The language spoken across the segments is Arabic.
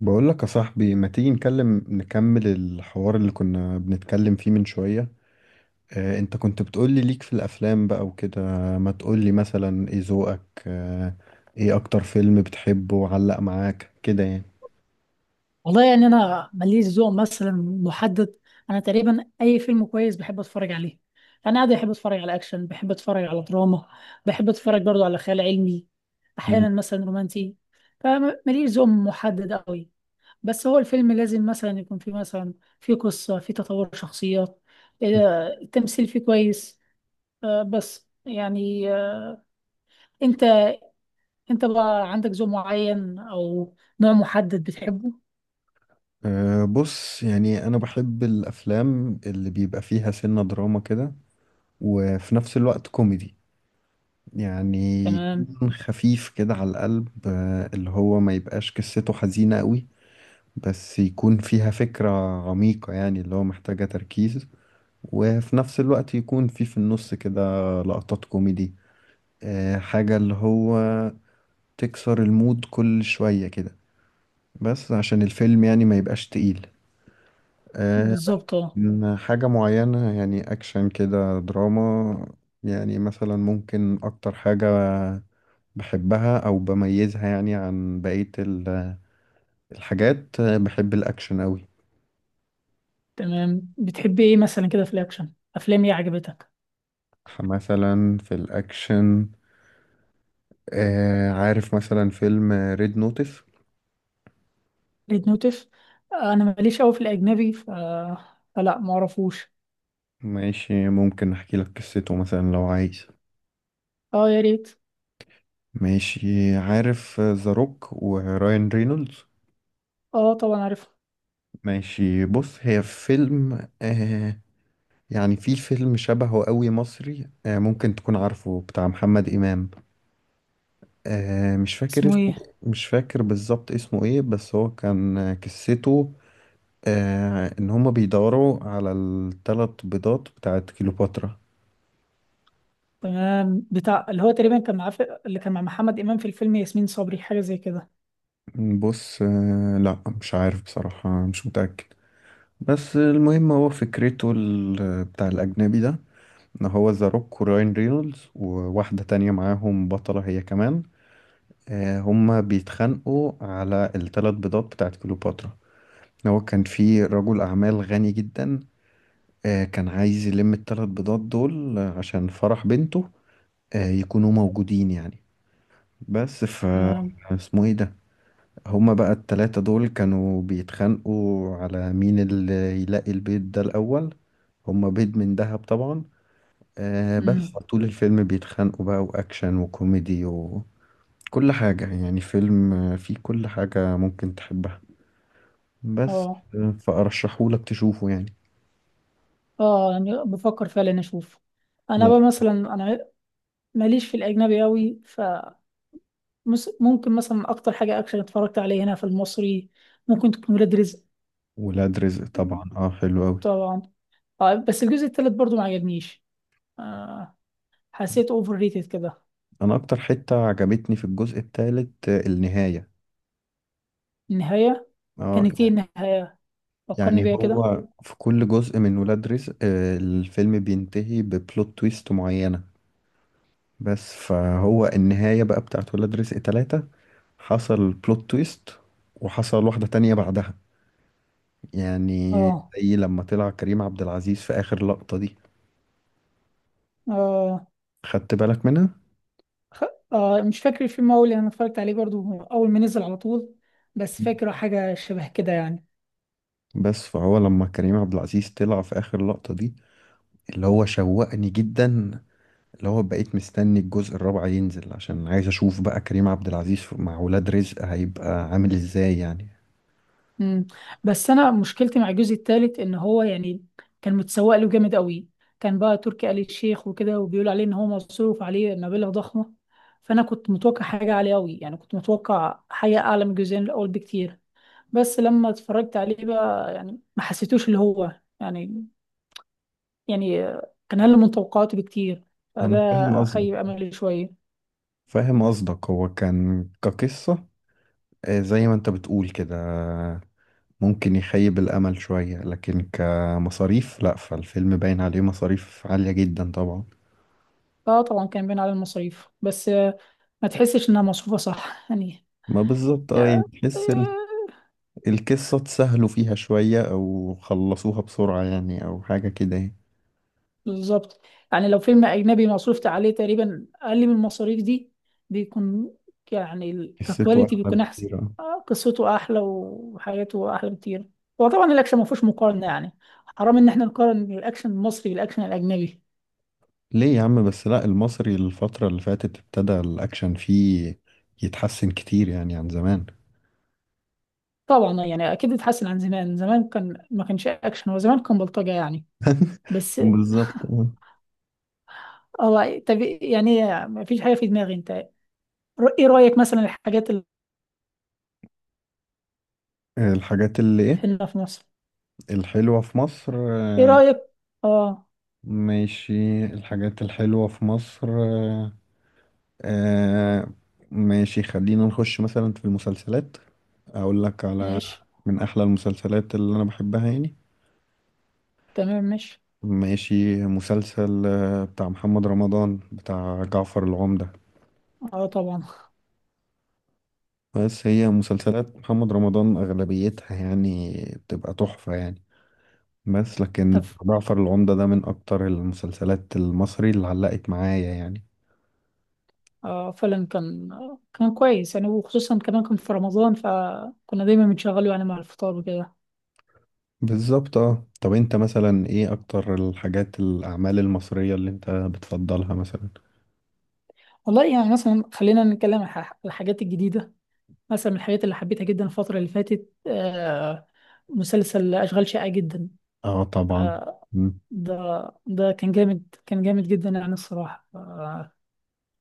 بقول لك يا صاحبي، ما تيجي نكمل الحوار اللي كنا بنتكلم فيه من شوية؟ انت كنت بتقول لي ليك في الافلام بقى وكده. ما تقول لي مثلا ايه ذوقك؟ آه. ايه اكتر فيلم بتحبه وعلق معاك كده يعني؟ والله يعني انا ماليش ذوق مثلا محدد. انا تقريبا اي فيلم كويس بحب اتفرج عليه. انا عادي بحب اتفرج على اكشن، بحب اتفرج على دراما، بحب اتفرج برضو على خيال علمي، مم. احيانا مثلا رومانسي. فماليش ذوق محدد قوي، بس هو الفيلم لازم مثلا يكون فيه مثلا فيه قصة، فيه تطور شخصيات، التمثيل فيه كويس. آه، بس يعني آه، انت انت بقى عندك ذوق معين او نوع محدد بتحبه؟ بص، يعني انا بحب الافلام اللي بيبقى فيها سنة دراما كده، وفي نفس الوقت كوميدي، يعني تمام، يكون خفيف كده على القلب، اللي هو ما يبقاش قصته حزينة قوي، بس يكون فيها فكرة عميقة يعني، اللي هو محتاجة تركيز، وفي نفس الوقت يكون في النص كده لقطات كوميدي، حاجة اللي هو تكسر المود كل شوية كده، بس عشان الفيلم يعني ما يبقاش تقيل. آه، بالظبط اه. إن حاجة معينة يعني أكشن كده دراما، يعني مثلا ممكن أكتر حاجة بحبها أو بميزها يعني عن بقية الحاجات. بحب الأكشن أوي. تمام، بتحبي ايه مثلا كده في الاكشن؟ افلام ايه عجبتك؟ مثلا في الأكشن، عارف مثلا فيلم ريد نوتس؟ ريد نوتف، انا ماليش قوي في الاجنبي ف... فلا ما اعرفوش. ماشي، ممكن احكي لك قصته مثلا لو عايز. اه يا ريت. ماشي، عارف ذا روك وراين رينولدز؟ اه طبعا عارف. ماشي، بص، هي فيلم يعني في فيلم شبهه قوي مصري، ممكن تكون عارفه، بتاع محمد إمام، مش فاكر اسمه اسمه. ايه؟ مش فاكر بالظبط اسمه ايه، بس هو كان، قصته ان هما بيدوروا على الثلاث بيضات بتاعت كليوباترا. تمام، بتاع اللي هو تقريبا كان معاه في... اللي كان مع محمد امام في الفيلم، ياسمين صبري حاجه زي كده. بص، لا مش عارف بصراحة، مش متأكد. بس المهم، هو فكرته بتاع الأجنبي ده، إن هو ذا روك وراين رينولدز وواحدة تانية معاهم بطلة هي كمان، هما بيتخانقوا على الثلاث بيضات بتاعت كليوباترا. هو كان في رجل أعمال غني جدا، كان عايز يلم الثلاث بيضات دول عشان فرح بنته، يكونوا موجودين يعني. بس. تمام. اسمه ايه ده؟ هما بقى التلاتة دول كانوا بيتخانقوا على مين اللي يلاقي البيض ده الأول. هما بيض من دهب طبعا. بس امم. طول الفيلم بيتخانقوا بقى، وأكشن وكوميدي وكل حاجة، يعني فيلم فيه كل حاجة ممكن تحبها، بس. اه. فأرشحهولك تشوفه يعني. اه يعني بفكر فعلا اشوف. انا لا. بقى مثلا انا ماليش في الاجنبي قوي ف ممكن مثلا اكتر حاجه اكشن اتفرجت عليها هنا في المصري ممكن تكون ولاد رزق. ولاد رزق طبعا، اه حلو أوي. طبعا. اه بس الجزء التالت برضو ما عجبنيش. آه، حسيت اوفر ريتد كده. أنا أكتر حتة عجبتني في الجزء التالت النهاية. النهاية؟ اه، كانت ايه النهاية؟ فكرني يعني بيها كده. هو في كل جزء من ولاد رزق، الفيلم بينتهي ببلوت تويست معينة، بس فهو النهاية بقى بتاعت ولاد رزق تلاتة، حصل بلوت تويست وحصل واحدة تانية بعدها يعني، اه. زي لما طلع كريم عبد العزيز في آخر لقطة دي. اه. خدت بالك منها؟ خ... آه مش فاكر الفيلم أوي لأن أنا اتفرجت عليه برضو أول ما نزل على طول، بس فاكره حاجة شبه كده يعني. بس فهو لما كريم عبد العزيز طلع في آخر لقطة دي، اللي هو شوقني جدا، اللي هو بقيت مستني الجزء الرابع ينزل عشان عايز اشوف بقى كريم عبد العزيز مع ولاد رزق هيبقى عامل ازاي يعني. مم. بس أنا مشكلتي مع الجزء التالت إن هو يعني كان متسوق له جامد أوي، كان بقى تركي آل الشيخ وكده وبيقول عليه إن هو مصروف عليه مبالغ ضخمة. فأنا كنت متوقع حاجة عالية أوي، يعني كنت متوقع حاجة أعلى من الجزئين الأول بكتير. بس لما اتفرجت عليه بقى يعني ما حسيتوش اللي هو يعني، يعني كان أقل من توقعاتي بكتير. فده انا فاهم قصدك. خيب أملي شوية. فاهم قصدك، هو كان كقصة، زي ما انت بتقول كده، ممكن يخيب الامل شوية، لكن كمصاريف لا، فالفيلم باين عليه مصاريف عالية جدا طبعا. اه طبعا كان باين على المصاريف، بس ما تحسش إنها مصروفة صح يعني. ما بالظبط، اه يعني آه، تحس آه، القصة اتسهلوا فيها شوية او خلصوها بسرعة يعني، او حاجة كده يعني. بالظبط. يعني لو فيلم أجنبي مصروفت عليه تقريبا أقل من المصاريف دي بيكون، يعني ال- قصته ككواليتي احلى بيكون أحسن. بكتير. آه، قصته أحلى وحاجاته أحلى بكتير. هو طبعا الأكشن ما فيهوش مقارنة يعني، حرام إن إحنا نقارن الأكشن المصري بالأكشن الأجنبي. ليه يا عم بس؟ لا، المصري الفترة اللي فاتت ابتدى الأكشن فيه يتحسن كتير يعني عن زمان. طبعا يعني أكيد اتحسن عن زمان، زمان كان ما كانش أكشن، هو زمان كان بلطجة يعني. بس. بالظبط آه. هو طب يعني ما فيش حاجة في دماغي. أنت إيه رأيك مثلا الحاجات اللي الحاجات اللي إيه؟ هنا في مصر؟ الحلوة في مصر إيه آه، رأيك؟ آه. ماشي. الحاجات الحلوة في مصر، آه، ماشي، خلينا نخش مثلا في المسلسلات، أقول لك على ماشي. من أحلى المسلسلات اللي أنا بحبها يعني. تمام ماشي. ماشي، مسلسل بتاع محمد رمضان، بتاع جعفر العمدة. اه طبعا. بس هي مسلسلات محمد رمضان أغلبيتها يعني بتبقى تحفة يعني، بس لكن تف. جعفر العمدة ده من أكتر المسلسلات المصري اللي علقت معايا يعني. آه فعلا كان، كان كويس يعني، وخصوصا كمان كان في رمضان فكنا دايما بنشغله يعني مع الفطار وكده. بالظبط اه. طب انت مثلا ايه أكتر الحاجات الأعمال المصرية اللي انت بتفضلها مثلا؟ والله يعني مثلا خلينا نتكلم عن الحاجات الجديدة. مثلا من الحاجات اللي حبيتها جدا الفترة اللي فاتت آه، مسلسل أشغال شاقة جدا. اه طبعا. آه. مم. ده ده كان جامد، كان جامد جدا يعني الصراحة. آه،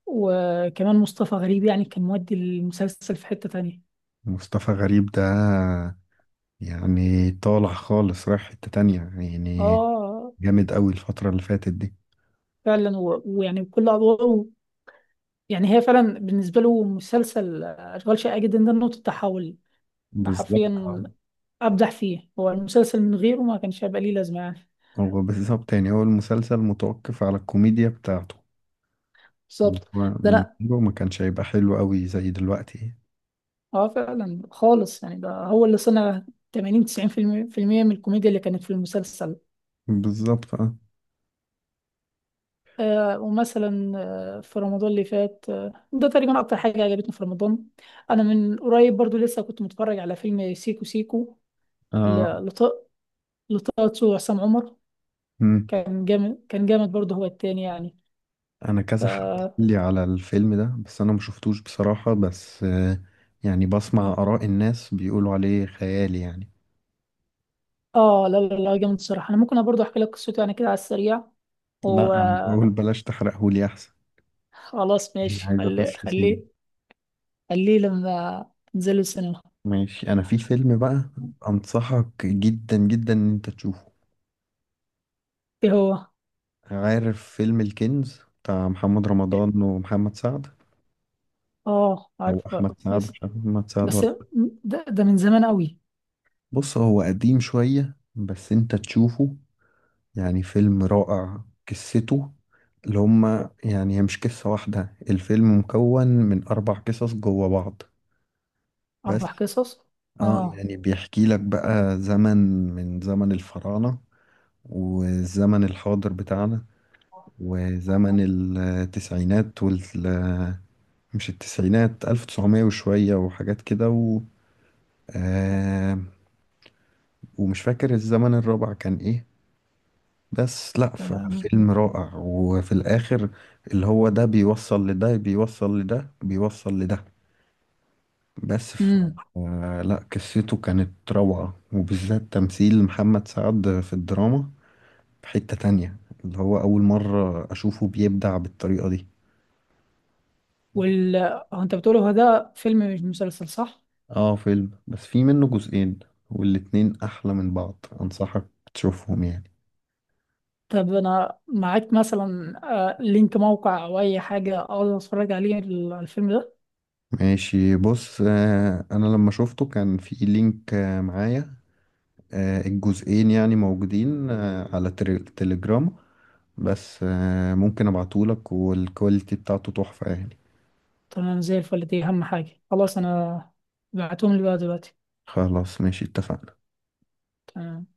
وكمان مصطفى غريب يعني كان مودي المسلسل في حتة تانية. مصطفى غريب ده يعني طالع خالص، رايح حتة تانية يعني، اه جامد أوي الفترة اللي فاتت دي. فعلا، ويعني كل أدواره يعني، هي فعلا بالنسبة له مسلسل أشغال شاقة جدا ده نقطة تحول. أنا بالظبط. حرفيا أبدع فيه، هو المسلسل من غيره ما كانش هيبقى ليه لازمة يعني. هو بالظبط، يعني هو المسلسل متوقف على الكوميديا بتاعته، بالظبط. هو ده من لأ. جوه ما كانش هيبقى حلو قوي زي دلوقتي. اه فعلا خالص يعني ده هو اللي صنع 80 90% في المية في المية من الكوميديا اللي كانت في المسلسل. بالظبط اه. آه ومثلا آه في رمضان اللي فات، آه ده تقريبا أكتر حاجة عجبتني في رمضان. أنا من قريب برضو لسه كنت متفرج على فيلم سيكو سيكو، آه، ل- لط- لطه دسوقي وعصام عمر. مم. كان جامد، كان جامد برضه هو التاني يعني. انا كذا حد ف... قال لي على الفيلم ده، بس انا ما شفتوش بصراحة، بس يعني بسمع آراء الناس بيقولوا عليه خيالي يعني. اه لا لا لا جامد الصراحه، انا ممكن برضه احكي لك قصته يعني كده على السريع لا، انا بقول وخلاص. بلاش تحرقهولي احسن، يعني ماشي عايز خليه اخش سينما. خليه خليه لما تنزلوا السينما. ماشي، انا في فيلم بقى انصحك جدا جدا ان انت تشوفه. ايه هو؟ عارف فيلم الكنز بتاع محمد رمضان ومحمد سعد، اه او عارف بقى. احمد سعد، مش بس، عارف احمد سعد بس ولا. ده من زمان قوي. بص، هو قديم شوية بس انت تشوفه يعني، فيلم رائع. قصته اللي هما يعني، هي مش قصة واحدة، الفيلم مكون من اربع قصص جوا بعض، بس. اربع قصص. اه، اه. يعني بيحكي لك بقى زمن، من زمن الفراعنة والزمن الحاضر بتاعنا، وزمن التسعينات مش التسعينات، 1900 وشوية وحاجات كده، و آه، ومش فاكر الزمن الرابع كان ايه. بس لا تمام. فيلم رائع، وفي الاخر اللي هو ده بيوصل لده بيوصل لده بيوصل لده، بس امم. لا قصته كانت روعة، وبالذات تمثيل محمد سعد في الدراما في حتة تانية، اللي هو أول مرة أشوفه بيبدع بالطريقة دي. وال، هو انت بتقول هو ده فيلم مش مسلسل صح؟ اه فيلم، بس في منه جزئين والاتنين أحلى من بعض، أنصحك تشوفهم يعني. طب انا معاك مثلا آه، لينك موقع او اي حاجه اقدر اتفرج عليه الفيلم ده. ماشي، بص، أنا لما شفته كان في لينك معايا، الجزئين يعني موجودين على تليجرام، بس ممكن ابعتهولك والكواليتي بتاعته تحفة يعني. تمام زي الفل، دي أهم حاجة. خلاص أنا بعتهم لي بقى دلوقتي. خلاص ماشي، اتفقنا. تمام.